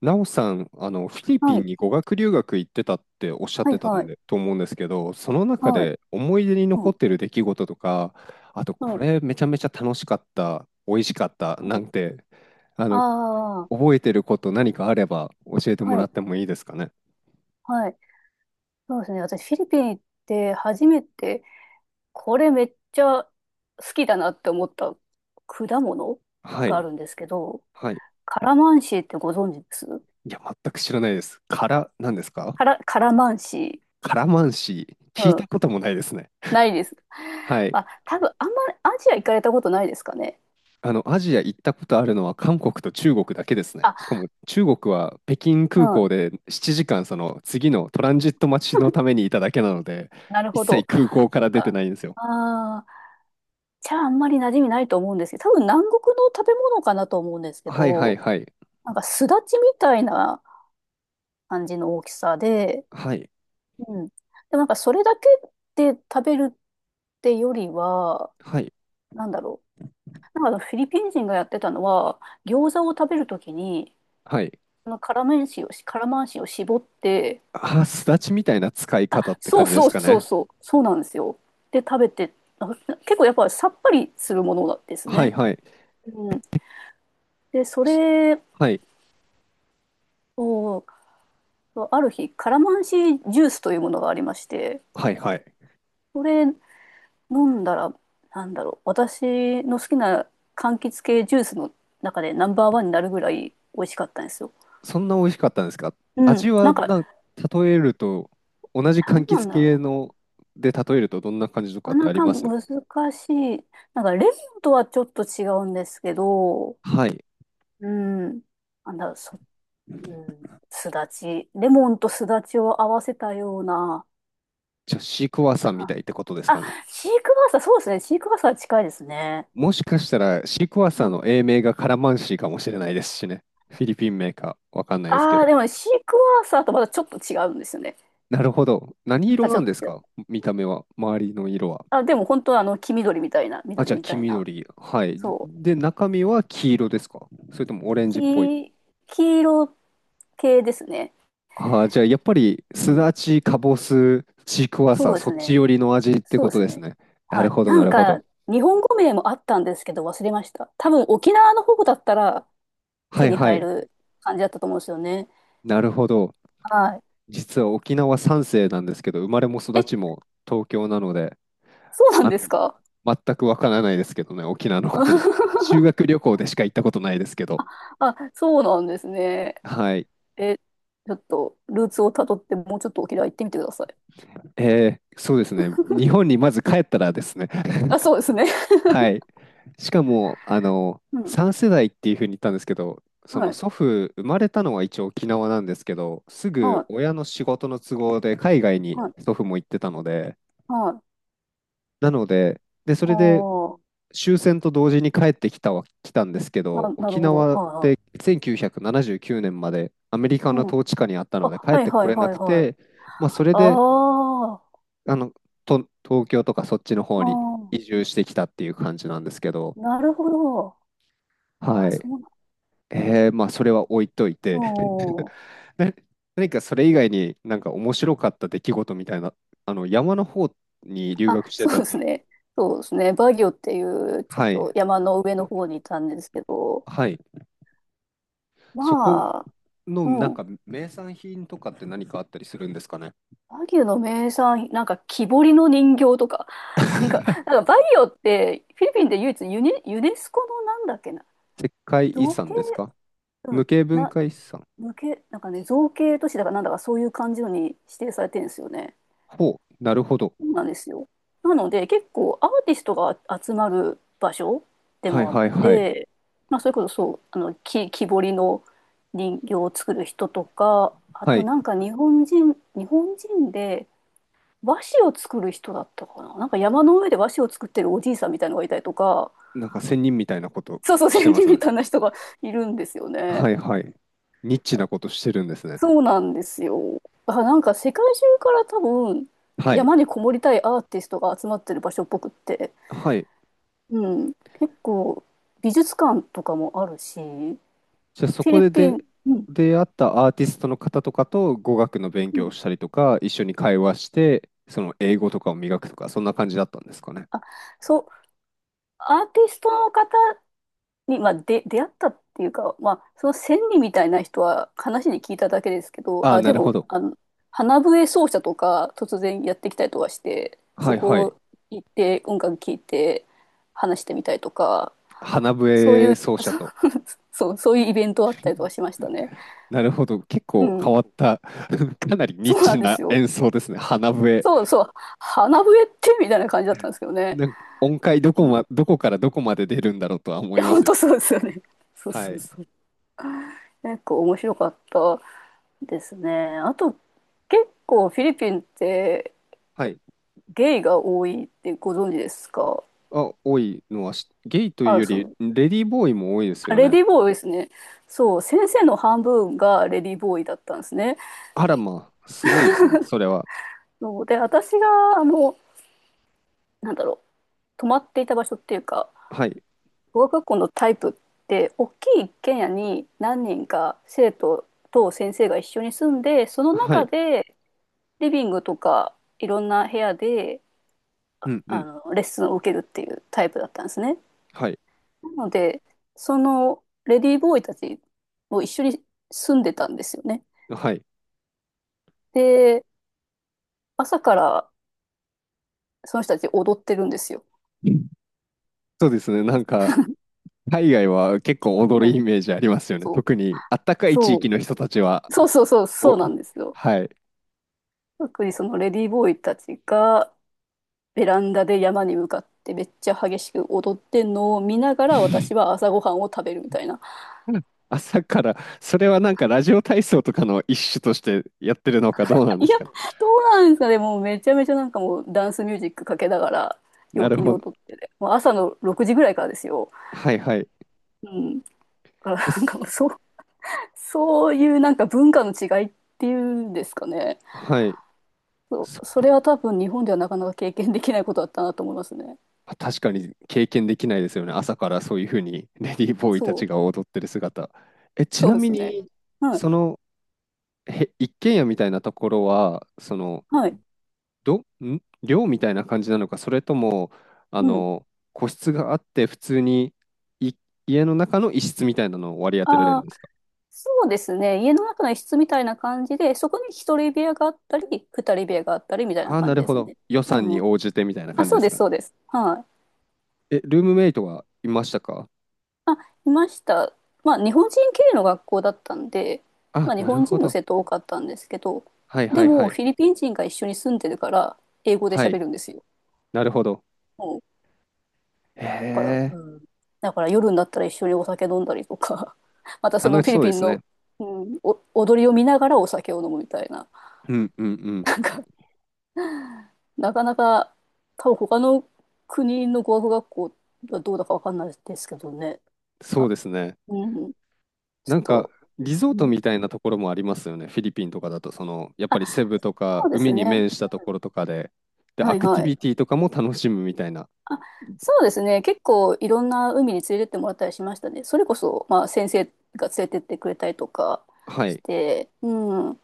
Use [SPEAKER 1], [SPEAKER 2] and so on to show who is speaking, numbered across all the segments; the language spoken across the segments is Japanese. [SPEAKER 1] なおさん、フィリピ
[SPEAKER 2] は
[SPEAKER 1] ン
[SPEAKER 2] い、
[SPEAKER 1] に語学留学行ってたっておっしゃっ
[SPEAKER 2] は
[SPEAKER 1] て
[SPEAKER 2] い、
[SPEAKER 1] た
[SPEAKER 2] は
[SPEAKER 1] ん
[SPEAKER 2] い、
[SPEAKER 1] で、と思うんですけど、その中
[SPEAKER 2] はい、
[SPEAKER 1] で思い出に
[SPEAKER 2] う
[SPEAKER 1] 残
[SPEAKER 2] ん、
[SPEAKER 1] ってる出来事とか、あと、
[SPEAKER 2] は
[SPEAKER 1] こ
[SPEAKER 2] い、
[SPEAKER 1] れめちゃめちゃ楽しかった、美味しかった、
[SPEAKER 2] は
[SPEAKER 1] な
[SPEAKER 2] い、
[SPEAKER 1] んて、あの、
[SPEAKER 2] ああ、
[SPEAKER 1] 覚えてること何かあれば教えても
[SPEAKER 2] は
[SPEAKER 1] ら
[SPEAKER 2] い、
[SPEAKER 1] ってもいいですかね。
[SPEAKER 2] はい、そうですね。私、フィリピン行って初めて、これめっちゃ好きだなって思った果物
[SPEAKER 1] は
[SPEAKER 2] があ
[SPEAKER 1] い、
[SPEAKER 2] るんですけど、
[SPEAKER 1] はい。
[SPEAKER 2] カラマンシーってご存知です
[SPEAKER 1] いや、全く知らないですから、何ですか
[SPEAKER 2] カラ、カラマンシ
[SPEAKER 1] カラマンシー？
[SPEAKER 2] ー。
[SPEAKER 1] 聞い
[SPEAKER 2] うん、
[SPEAKER 1] たこともないですね。
[SPEAKER 2] ないです。
[SPEAKER 1] は い。
[SPEAKER 2] あ、多分あんまアジア行かれたことないですかね。
[SPEAKER 1] アジア行ったことあるのは韓国と中国だけですね。し
[SPEAKER 2] あ、
[SPEAKER 1] かも中国は北京
[SPEAKER 2] う
[SPEAKER 1] 空
[SPEAKER 2] ん、
[SPEAKER 1] 港で7時間その次のトランジット待ちのた めにいただけなので、
[SPEAKER 2] なる
[SPEAKER 1] 一
[SPEAKER 2] ほ
[SPEAKER 1] 切
[SPEAKER 2] ど。
[SPEAKER 1] 空港か
[SPEAKER 2] そっ
[SPEAKER 1] ら出て
[SPEAKER 2] か。
[SPEAKER 1] ないんですよ。
[SPEAKER 2] ああ、茶はあんまり馴染みないと思うんですけど、多分南国の食べ物かなと思うんですけ
[SPEAKER 1] はいはい
[SPEAKER 2] ど、
[SPEAKER 1] はい。
[SPEAKER 2] なんかすだちみたいな感じの大きさで、
[SPEAKER 1] はい。
[SPEAKER 2] うん。でもなんかそれだけで食べるってよりは、
[SPEAKER 1] はい。
[SPEAKER 2] なんだろう。なんかフィリピン人がやってたのは、餃子を食べるときに、
[SPEAKER 1] はい。
[SPEAKER 2] その辛マンシを絞って、
[SPEAKER 1] あ、すだちみたいな使い方って
[SPEAKER 2] そ
[SPEAKER 1] 感
[SPEAKER 2] う
[SPEAKER 1] じで
[SPEAKER 2] そ
[SPEAKER 1] す
[SPEAKER 2] う
[SPEAKER 1] か
[SPEAKER 2] そう
[SPEAKER 1] ね。
[SPEAKER 2] そう、そうなんですよ。で、食べて、あ、結構やっぱさっぱりするものなんです
[SPEAKER 1] はい
[SPEAKER 2] ね。
[SPEAKER 1] はい。
[SPEAKER 2] うん。で、そ
[SPEAKER 1] す
[SPEAKER 2] れ
[SPEAKER 1] はい。
[SPEAKER 2] を、そう、ある日、カラマンシージュースというものがありまして、
[SPEAKER 1] はいはい。
[SPEAKER 2] これ飲んだら、なんだろう、私の好きな柑橘系ジュースの中でナンバーワンになるぐらい美味しかったんですよ。
[SPEAKER 1] そんな美味しかったんですか？
[SPEAKER 2] う
[SPEAKER 1] 味
[SPEAKER 2] ん、な
[SPEAKER 1] は
[SPEAKER 2] んか、
[SPEAKER 1] 例えると、同じ
[SPEAKER 2] な
[SPEAKER 1] 柑
[SPEAKER 2] んな
[SPEAKER 1] 橘
[SPEAKER 2] んだろう
[SPEAKER 1] 系
[SPEAKER 2] な。
[SPEAKER 1] ので例えるとどんな感じとかって
[SPEAKER 2] な
[SPEAKER 1] あり
[SPEAKER 2] か
[SPEAKER 1] ま
[SPEAKER 2] な
[SPEAKER 1] す？
[SPEAKER 2] か難しい。なんか、レモンとはちょっと違うんですけど、
[SPEAKER 1] はい。
[SPEAKER 2] うん、なんだろう、うん、すだち。レモンとすだちを合わせたような
[SPEAKER 1] じゃあ、シークワーサーみ
[SPEAKER 2] 感
[SPEAKER 1] たいっ
[SPEAKER 2] じ。
[SPEAKER 1] てことですか
[SPEAKER 2] あ、
[SPEAKER 1] ね。
[SPEAKER 2] シークワーサー、そうですね。シークワーサー近いですね。
[SPEAKER 1] もしかしたら、シークワーサーの英名がカラマンシーかもしれないですしね。フィリピンメーカー、わかんないですけ
[SPEAKER 2] あ
[SPEAKER 1] ど。
[SPEAKER 2] あ、でもね、シークワーサーとまたちょっと違うんですよね。
[SPEAKER 1] なるほど。何
[SPEAKER 2] ま
[SPEAKER 1] 色
[SPEAKER 2] たち
[SPEAKER 1] な
[SPEAKER 2] ょ
[SPEAKER 1] ん
[SPEAKER 2] っ
[SPEAKER 1] です
[SPEAKER 2] と違う。
[SPEAKER 1] か？見た目は、周りの色は。
[SPEAKER 2] あ、でも本当はあの、黄緑みたいな、
[SPEAKER 1] あ、じ
[SPEAKER 2] 緑
[SPEAKER 1] ゃあ、
[SPEAKER 2] み
[SPEAKER 1] 黄
[SPEAKER 2] たいな。
[SPEAKER 1] 緑。はい。
[SPEAKER 2] そう。
[SPEAKER 1] で、中身は黄色ですか？それともオレンジっぽい。
[SPEAKER 2] 黄、黄色系ですね。
[SPEAKER 1] ああ、じゃあ、やっぱり、
[SPEAKER 2] う
[SPEAKER 1] す
[SPEAKER 2] ん。
[SPEAKER 1] だち、かぼす、シークワー
[SPEAKER 2] そ
[SPEAKER 1] サ
[SPEAKER 2] う
[SPEAKER 1] ー、
[SPEAKER 2] で
[SPEAKER 1] そっ
[SPEAKER 2] す
[SPEAKER 1] ち
[SPEAKER 2] ね。
[SPEAKER 1] 寄りの味って
[SPEAKER 2] そう
[SPEAKER 1] こ
[SPEAKER 2] で
[SPEAKER 1] と
[SPEAKER 2] す
[SPEAKER 1] です
[SPEAKER 2] ね。
[SPEAKER 1] ね。な
[SPEAKER 2] は
[SPEAKER 1] る
[SPEAKER 2] い。
[SPEAKER 1] ほど、
[SPEAKER 2] な
[SPEAKER 1] な
[SPEAKER 2] ん
[SPEAKER 1] るほ
[SPEAKER 2] か、
[SPEAKER 1] ど。
[SPEAKER 2] 日本語名もあったんですけど、忘れました。多分沖縄の方だったら手
[SPEAKER 1] はい
[SPEAKER 2] に
[SPEAKER 1] は
[SPEAKER 2] 入
[SPEAKER 1] い。
[SPEAKER 2] る感じだったと思うんですよね。
[SPEAKER 1] なるほど。
[SPEAKER 2] はい。
[SPEAKER 1] 実は沖縄三世なんですけど、生まれも育ち
[SPEAKER 2] え、
[SPEAKER 1] も東京なので、
[SPEAKER 2] そうなん
[SPEAKER 1] あ
[SPEAKER 2] です
[SPEAKER 1] の、
[SPEAKER 2] か？
[SPEAKER 1] 全くわからないですけどね、沖縄のことに。修 学旅行でしか行ったことないですけど。
[SPEAKER 2] あ、そうなんですね。
[SPEAKER 1] はい。
[SPEAKER 2] え、ちょっと、ルーツをたどって、もうちょっと沖縄行ってみてください。
[SPEAKER 1] そうですね。日本にまず帰ったらですね。
[SPEAKER 2] あ、そうですね。
[SPEAKER 1] はい。しかも、
[SPEAKER 2] うん。
[SPEAKER 1] 3世代っていうふうに言ったんですけど、そ
[SPEAKER 2] は
[SPEAKER 1] の
[SPEAKER 2] い。
[SPEAKER 1] 祖父、生まれたのは一応沖縄なんですけど、すぐ
[SPEAKER 2] は
[SPEAKER 1] 親の仕事の都合で海外に
[SPEAKER 2] い。はい。
[SPEAKER 1] 祖父も行ってたので、
[SPEAKER 2] はい。
[SPEAKER 1] なので、そ
[SPEAKER 2] あ
[SPEAKER 1] れで
[SPEAKER 2] ー、
[SPEAKER 1] 終戦と同時に帰ってきたは来たんですけど、
[SPEAKER 2] あ、なる
[SPEAKER 1] 沖
[SPEAKER 2] ほど。
[SPEAKER 1] 縄っ
[SPEAKER 2] は
[SPEAKER 1] て1979年までアメリカ
[SPEAKER 2] い。はい。
[SPEAKER 1] の
[SPEAKER 2] うん。
[SPEAKER 1] 統治下にあったので
[SPEAKER 2] あ、
[SPEAKER 1] 帰っ
[SPEAKER 2] はい
[SPEAKER 1] て
[SPEAKER 2] は
[SPEAKER 1] こ
[SPEAKER 2] い
[SPEAKER 1] れな
[SPEAKER 2] はい
[SPEAKER 1] く
[SPEAKER 2] はい。
[SPEAKER 1] て、まあ、それ
[SPEAKER 2] あ
[SPEAKER 1] で
[SPEAKER 2] あ、あ、
[SPEAKER 1] あのと東京とかそっちの方
[SPEAKER 2] あ
[SPEAKER 1] に移
[SPEAKER 2] あ、
[SPEAKER 1] 住してきたっていう感じなんですけど、
[SPEAKER 2] なるほど。あ
[SPEAKER 1] は
[SPEAKER 2] あ、
[SPEAKER 1] い。
[SPEAKER 2] そうな
[SPEAKER 1] まあそれは置いといて
[SPEAKER 2] の。
[SPEAKER 1] な何かそれ以外になんか面白かった出来事みたいな、あの山の方に留
[SPEAKER 2] あ、
[SPEAKER 1] 学して
[SPEAKER 2] そ
[SPEAKER 1] た
[SPEAKER 2] う
[SPEAKER 1] っ
[SPEAKER 2] で
[SPEAKER 1] て
[SPEAKER 2] す
[SPEAKER 1] いう。
[SPEAKER 2] ね。そうですね。バギオっていう、ちょっ
[SPEAKER 1] はい。
[SPEAKER 2] と山の上の方にいたんですけど、
[SPEAKER 1] はい。そこ
[SPEAKER 2] まあ、
[SPEAKER 1] のな
[SPEAKER 2] う
[SPEAKER 1] ん
[SPEAKER 2] ん。
[SPEAKER 1] か名産品とかって何かあったりするんですかね？
[SPEAKER 2] バギオの名産、なんか木彫りの人形とか、なんか、なんかバギオって、フィリピンで唯一ユネスコのなんだっけな、
[SPEAKER 1] 石灰遺
[SPEAKER 2] 造形、
[SPEAKER 1] 産ですか？
[SPEAKER 2] うん、
[SPEAKER 1] 無形文
[SPEAKER 2] な、
[SPEAKER 1] 化遺産？
[SPEAKER 2] 無形、なんかね、造形都市だからなんだかそういう感じのに指定されてるんですよね。
[SPEAKER 1] ほう、なるほど。
[SPEAKER 2] そうなんですよ。なので、結構アーティストが集まる場所で
[SPEAKER 1] はい
[SPEAKER 2] もあっ
[SPEAKER 1] はいはい。
[SPEAKER 2] て、まあ、それこそそう、あの、木彫りの人形を作る人とか、あ
[SPEAKER 1] は
[SPEAKER 2] と
[SPEAKER 1] い。
[SPEAKER 2] なんか日本人で和紙を作る人だったかな。なんか山の上で和紙を作ってるおじいさんみたいのがいたりとか、
[SPEAKER 1] なんか仙人みたいなこと
[SPEAKER 2] そうそう、
[SPEAKER 1] して
[SPEAKER 2] 先
[SPEAKER 1] ま
[SPEAKER 2] 人
[SPEAKER 1] す
[SPEAKER 2] み
[SPEAKER 1] ね。
[SPEAKER 2] たいな人がいるんですよ
[SPEAKER 1] は
[SPEAKER 2] ね。
[SPEAKER 1] いはい。ニッチなことしてるんですね。
[SPEAKER 2] そうなんですよ。だからなんか世界中から多分
[SPEAKER 1] はい。
[SPEAKER 2] 山にこもりたいアーティストが集まってる場所っぽくって、
[SPEAKER 1] はい。
[SPEAKER 2] うん、結構美術館とかもあるし、フ
[SPEAKER 1] じゃあそ
[SPEAKER 2] ィ
[SPEAKER 1] こ
[SPEAKER 2] リ
[SPEAKER 1] で
[SPEAKER 2] ピ
[SPEAKER 1] で
[SPEAKER 2] ン、うん、
[SPEAKER 1] 出会ったアーティストの方とかと語学の勉
[SPEAKER 2] う
[SPEAKER 1] 強を
[SPEAKER 2] ん、
[SPEAKER 1] したりとか、一緒に会話して、その英語とかを磨くとか、そんな感じだったんですかね。
[SPEAKER 2] あ、そう、アーティストの方に、まあ、で、出会ったっていうか、まあ、その千里みたいな人は話に聞いただけですけど、
[SPEAKER 1] ああ、
[SPEAKER 2] あ、
[SPEAKER 1] な
[SPEAKER 2] で
[SPEAKER 1] るほ
[SPEAKER 2] も、
[SPEAKER 1] ど。
[SPEAKER 2] あの、花笛奏者とか突然やってきたりとかして、
[SPEAKER 1] は
[SPEAKER 2] そ
[SPEAKER 1] いはい。
[SPEAKER 2] こ行って音楽聴いて話してみたりとか、
[SPEAKER 1] 花
[SPEAKER 2] そうい
[SPEAKER 1] 笛
[SPEAKER 2] う、
[SPEAKER 1] 奏者と。
[SPEAKER 2] う、そうそういうイベントあったりとかしましたね。
[SPEAKER 1] なるほど。結
[SPEAKER 2] う
[SPEAKER 1] 構変
[SPEAKER 2] ん。
[SPEAKER 1] わった、かなりニッ
[SPEAKER 2] そうな
[SPEAKER 1] チ
[SPEAKER 2] んで
[SPEAKER 1] な
[SPEAKER 2] すよ。
[SPEAKER 1] 演奏ですね。花笛。
[SPEAKER 2] そうそう。花笛ってみたいな感じだったんですけどね。
[SPEAKER 1] なんか音階
[SPEAKER 2] うん、い
[SPEAKER 1] どこからどこまで出るんだろうとは思い
[SPEAKER 2] や、
[SPEAKER 1] ま
[SPEAKER 2] 本
[SPEAKER 1] すよ
[SPEAKER 2] 当
[SPEAKER 1] ね。
[SPEAKER 2] そうですよね。そう
[SPEAKER 1] は
[SPEAKER 2] そう
[SPEAKER 1] い。
[SPEAKER 2] そう。結構面白かったですね。あと、結構フィリピンって
[SPEAKER 1] はい。
[SPEAKER 2] ゲイが多いってご存知ですか？
[SPEAKER 1] あ、多いのはゲイという
[SPEAKER 2] あ、
[SPEAKER 1] よ
[SPEAKER 2] そ
[SPEAKER 1] り、
[SPEAKER 2] う。
[SPEAKER 1] レディーボーイも多いです
[SPEAKER 2] あ、
[SPEAKER 1] よ
[SPEAKER 2] レ
[SPEAKER 1] ね。
[SPEAKER 2] ディーボーイですね。そう、先生の半分がレディーボーイだったんですね。
[SPEAKER 1] あらまあ、すごいですね。それは。
[SPEAKER 2] そうで、私が、あの、なんだろう、泊まっていた場所っていうか、
[SPEAKER 1] はい。
[SPEAKER 2] 語学学校のタイプって、大きい一軒家に何人か生徒と先生が一緒に住んで、その
[SPEAKER 1] は
[SPEAKER 2] 中
[SPEAKER 1] い。
[SPEAKER 2] でリビングとかいろんな部屋で
[SPEAKER 1] うんう
[SPEAKER 2] あ
[SPEAKER 1] ん。
[SPEAKER 2] のレッスンを受けるっていうタイプだったんですね。
[SPEAKER 1] はい。
[SPEAKER 2] なのでそのレディーボーイたちも一緒に住んでたんですよね。
[SPEAKER 1] はい。
[SPEAKER 2] で、朝からその人たち踊ってるんですよ。
[SPEAKER 1] そうですね。なんか、海外は結構
[SPEAKER 2] う
[SPEAKER 1] 踊るイ
[SPEAKER 2] ん、
[SPEAKER 1] メージありますよね。
[SPEAKER 2] そう
[SPEAKER 1] 特に、あったかい地
[SPEAKER 2] そ
[SPEAKER 1] 域
[SPEAKER 2] う
[SPEAKER 1] の人たち
[SPEAKER 2] そう
[SPEAKER 1] は。
[SPEAKER 2] そうそうそうな
[SPEAKER 1] お、
[SPEAKER 2] んですよ。
[SPEAKER 1] はい。
[SPEAKER 2] 特にそのレディーボーイたちがベランダで山に向かってめっちゃ激しく踊ってんのを見ながら私は朝ごはんを食べるみたいな。
[SPEAKER 1] 朝から、それはなんかラジオ体操とかの一種としてやってるのかどうなんで
[SPEAKER 2] い
[SPEAKER 1] す
[SPEAKER 2] や、
[SPEAKER 1] かね。
[SPEAKER 2] どうなんですかね。もうめちゃめちゃなんかもうダンスミュージックかけながら
[SPEAKER 1] な
[SPEAKER 2] 陽
[SPEAKER 1] る
[SPEAKER 2] 気に
[SPEAKER 1] ほど。
[SPEAKER 2] 踊ってて。もう朝の6時ぐらいからですよ。
[SPEAKER 1] はいはい。
[SPEAKER 2] うん。だから
[SPEAKER 1] え
[SPEAKER 2] なんか
[SPEAKER 1] す
[SPEAKER 2] もうそう、そういうなんか文化の違いっていうんですかね。
[SPEAKER 1] はい。
[SPEAKER 2] そ
[SPEAKER 1] そ
[SPEAKER 2] う、それは多分日本ではなかなか経験できないことだったなと思いますね。
[SPEAKER 1] 確かに経験できないですよね。朝からそういうふうに レディーボーイた
[SPEAKER 2] そ
[SPEAKER 1] ち
[SPEAKER 2] う、
[SPEAKER 1] が踊ってる姿。え、ち
[SPEAKER 2] そう
[SPEAKER 1] な
[SPEAKER 2] で
[SPEAKER 1] み
[SPEAKER 2] すね。
[SPEAKER 1] に、
[SPEAKER 2] はい、
[SPEAKER 1] その、一軒家みたいなところは、
[SPEAKER 2] はい、
[SPEAKER 1] 寮みたいな感じなのか、それとも、あ
[SPEAKER 2] うん。
[SPEAKER 1] の、個室があって、普通にい家の中の一室みたいなのを割り当てられ
[SPEAKER 2] あ
[SPEAKER 1] るん
[SPEAKER 2] あ、
[SPEAKER 1] ですか？
[SPEAKER 2] そうですね。家の中の一室みたいな感じで、そこに一人部屋があったり、二人部屋があったりみたいな
[SPEAKER 1] ああ、
[SPEAKER 2] 感
[SPEAKER 1] な
[SPEAKER 2] じ
[SPEAKER 1] る
[SPEAKER 2] で
[SPEAKER 1] ほ
[SPEAKER 2] す
[SPEAKER 1] ど。
[SPEAKER 2] ね。
[SPEAKER 1] 予
[SPEAKER 2] う
[SPEAKER 1] 算
[SPEAKER 2] ん
[SPEAKER 1] に
[SPEAKER 2] うん。
[SPEAKER 1] 応じてみたいな
[SPEAKER 2] あ、
[SPEAKER 1] 感じですかね。
[SPEAKER 2] そうです。はい。
[SPEAKER 1] え、ルームメイトはいましたか？
[SPEAKER 2] あ、いました。まあ、日本人系の学校だったんで、
[SPEAKER 1] あ、
[SPEAKER 2] まあ、日
[SPEAKER 1] なる
[SPEAKER 2] 本人
[SPEAKER 1] ほ
[SPEAKER 2] の
[SPEAKER 1] ど。
[SPEAKER 2] 生徒多かったんですけど、
[SPEAKER 1] はいは
[SPEAKER 2] で
[SPEAKER 1] いは
[SPEAKER 2] も、
[SPEAKER 1] い。
[SPEAKER 2] フィリピン人が一緒に住んでるから、英語で
[SPEAKER 1] は
[SPEAKER 2] 喋
[SPEAKER 1] い、
[SPEAKER 2] るんですよ。
[SPEAKER 1] なるほど。
[SPEAKER 2] うん。だ
[SPEAKER 1] へ
[SPEAKER 2] から、う
[SPEAKER 1] え、
[SPEAKER 2] ん。だから夜になったら一緒にお酒飲んだりとか、またそ
[SPEAKER 1] 楽
[SPEAKER 2] のフ
[SPEAKER 1] し
[SPEAKER 2] ィ
[SPEAKER 1] そ
[SPEAKER 2] リ
[SPEAKER 1] う
[SPEAKER 2] ピ
[SPEAKER 1] で
[SPEAKER 2] ン
[SPEAKER 1] すね。
[SPEAKER 2] の、うん、お踊りを見ながらお酒を飲むみたいな。
[SPEAKER 1] うんうんうん。
[SPEAKER 2] なかなか、多分他の国の語学学校はどうだかわかんないですけどね。
[SPEAKER 1] そう
[SPEAKER 2] あ、
[SPEAKER 1] ですね。
[SPEAKER 2] うん、ちょ
[SPEAKER 1] な
[SPEAKER 2] っ
[SPEAKER 1] んか、
[SPEAKER 2] と、
[SPEAKER 1] リゾー
[SPEAKER 2] う
[SPEAKER 1] ト
[SPEAKER 2] ん、
[SPEAKER 1] みたいなところもありますよね。フィリピンとかだと、やっぱ
[SPEAKER 2] あ、
[SPEAKER 1] りセブと
[SPEAKER 2] そ
[SPEAKER 1] か、
[SPEAKER 2] うで
[SPEAKER 1] 海
[SPEAKER 2] す
[SPEAKER 1] に
[SPEAKER 2] ね。
[SPEAKER 1] 面したところとかで、
[SPEAKER 2] は
[SPEAKER 1] ア
[SPEAKER 2] い
[SPEAKER 1] クティ
[SPEAKER 2] は
[SPEAKER 1] ビ
[SPEAKER 2] い。
[SPEAKER 1] ティとかも楽しむみたいな。
[SPEAKER 2] あ、そうですね。結構いろんな海に連れてってもらったりしましたね。それこそ、まあ先生が連れてってくれたりとか
[SPEAKER 1] は
[SPEAKER 2] し
[SPEAKER 1] い、
[SPEAKER 2] て、うん。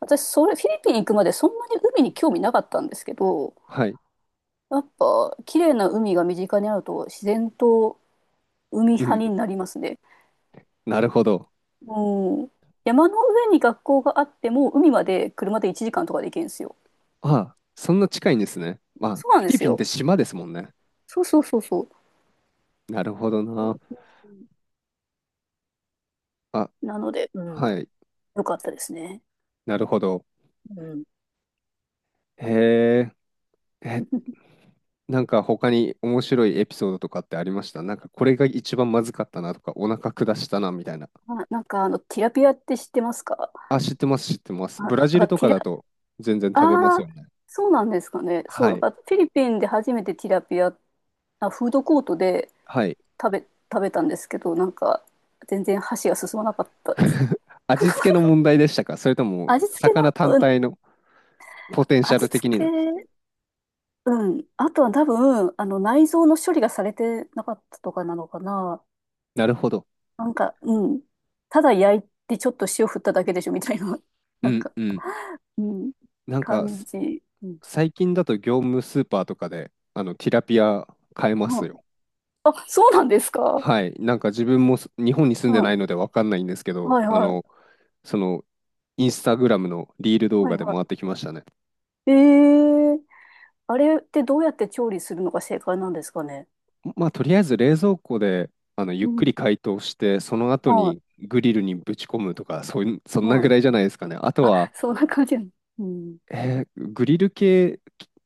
[SPEAKER 2] 私、それ、フィリピン行くまでそんなに海に興味なかったんですけど、
[SPEAKER 1] はい。
[SPEAKER 2] やっぱ、綺麗な海が身近にあると自然と海
[SPEAKER 1] う
[SPEAKER 2] 派
[SPEAKER 1] ん、
[SPEAKER 2] になりますね。
[SPEAKER 1] なるほど。
[SPEAKER 2] もうん。山の上に学校があっても、海まで車で1時間とかで行けるんですよ。
[SPEAKER 1] ああ、そんな近いんですね。まあ、
[SPEAKER 2] そうな
[SPEAKER 1] フ
[SPEAKER 2] んで
[SPEAKER 1] ィリ
[SPEAKER 2] す
[SPEAKER 1] ピンっ
[SPEAKER 2] よ。
[SPEAKER 1] て島ですもんね。
[SPEAKER 2] そうそうそうそ
[SPEAKER 1] なるほどな。
[SPEAKER 2] う。
[SPEAKER 1] あ、
[SPEAKER 2] なので、うん、
[SPEAKER 1] はい。
[SPEAKER 2] よかったですね。
[SPEAKER 1] なるほど。
[SPEAKER 2] うん。
[SPEAKER 1] へえ。え、なんか他に面白いエピソードとかってありました？なんかこれが一番まずかったなとか、お腹下したなみたいな。
[SPEAKER 2] あ、なんかあの、ティラピアって知ってますか？
[SPEAKER 1] あ、知ってます、知ってま
[SPEAKER 2] あ、
[SPEAKER 1] す。
[SPEAKER 2] なん
[SPEAKER 1] ブラジル
[SPEAKER 2] か
[SPEAKER 1] と
[SPEAKER 2] テ
[SPEAKER 1] か
[SPEAKER 2] ィ
[SPEAKER 1] だ
[SPEAKER 2] ラ、
[SPEAKER 1] と全然食べま
[SPEAKER 2] あ
[SPEAKER 1] す
[SPEAKER 2] あ、
[SPEAKER 1] よね。
[SPEAKER 2] そうなんですかね。そ
[SPEAKER 1] は
[SPEAKER 2] う、なん
[SPEAKER 1] い。
[SPEAKER 2] かフィリピンで初めてティラピア、あ、フードコートで
[SPEAKER 1] はい。
[SPEAKER 2] 食べ、食べたんですけど、なんか全然箸が進まなかったです。
[SPEAKER 1] 味付けの問題でしたか？それとも、
[SPEAKER 2] 味付け
[SPEAKER 1] 魚単
[SPEAKER 2] の、うん、
[SPEAKER 1] 体のポテンシャ
[SPEAKER 2] 味
[SPEAKER 1] ル
[SPEAKER 2] 付
[SPEAKER 1] 的になんです。
[SPEAKER 2] け、うん。あとは多分、あの、内臓の処理がされてなかったとかなのかな。
[SPEAKER 1] なるほど。
[SPEAKER 2] なんか、うん。ただ焼いてちょっと塩振っただけでしょみたいな、
[SPEAKER 1] う
[SPEAKER 2] なん
[SPEAKER 1] ん
[SPEAKER 2] か、
[SPEAKER 1] うん。
[SPEAKER 2] うん、
[SPEAKER 1] なんか、
[SPEAKER 2] 感じ。うん。
[SPEAKER 1] 最近だと業務スーパーとかで、ティラピア買えますよ。
[SPEAKER 2] あ、あそうなんですか。
[SPEAKER 1] はい、なんか自分も日本に住ん
[SPEAKER 2] う
[SPEAKER 1] でない
[SPEAKER 2] ん。
[SPEAKER 1] のでわかんないんですけど、
[SPEAKER 2] はいはい。
[SPEAKER 1] その、インスタグラムのリール動
[SPEAKER 2] は
[SPEAKER 1] 画
[SPEAKER 2] い
[SPEAKER 1] で
[SPEAKER 2] は
[SPEAKER 1] 回ってきましたね。
[SPEAKER 2] い。ええ、あれってどうやって調理するのが正解なんですかね。
[SPEAKER 1] まあ、とりあえず冷蔵庫でゆっ
[SPEAKER 2] う
[SPEAKER 1] く
[SPEAKER 2] ん。
[SPEAKER 1] り解凍して、その後
[SPEAKER 2] は
[SPEAKER 1] にグリルにぶち込むとか、そういう、そ
[SPEAKER 2] い。
[SPEAKER 1] んな
[SPEAKER 2] は
[SPEAKER 1] ぐ
[SPEAKER 2] い。
[SPEAKER 1] らいじゃないですかね。あと
[SPEAKER 2] あ、
[SPEAKER 1] は、
[SPEAKER 2] そんな感じなの。うん。
[SPEAKER 1] グリル系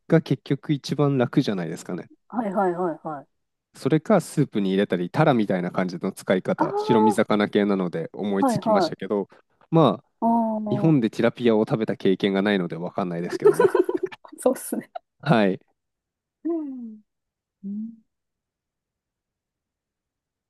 [SPEAKER 1] が結局一番楽じゃないですかね。
[SPEAKER 2] はいはいはいはい。
[SPEAKER 1] それかスープに入れたり、タラみたいな感じの使い
[SPEAKER 2] あ
[SPEAKER 1] 方、白身
[SPEAKER 2] あ、
[SPEAKER 1] 魚系なので思い
[SPEAKER 2] は
[SPEAKER 1] つ
[SPEAKER 2] い
[SPEAKER 1] きまし
[SPEAKER 2] は
[SPEAKER 1] たけ
[SPEAKER 2] い。
[SPEAKER 1] ど、ま
[SPEAKER 2] あ
[SPEAKER 1] 日本
[SPEAKER 2] あ。
[SPEAKER 1] でティラピアを食べた経験がないのでわかんないですけどね。
[SPEAKER 2] そうっすね。
[SPEAKER 1] はい。
[SPEAKER 2] うん。うん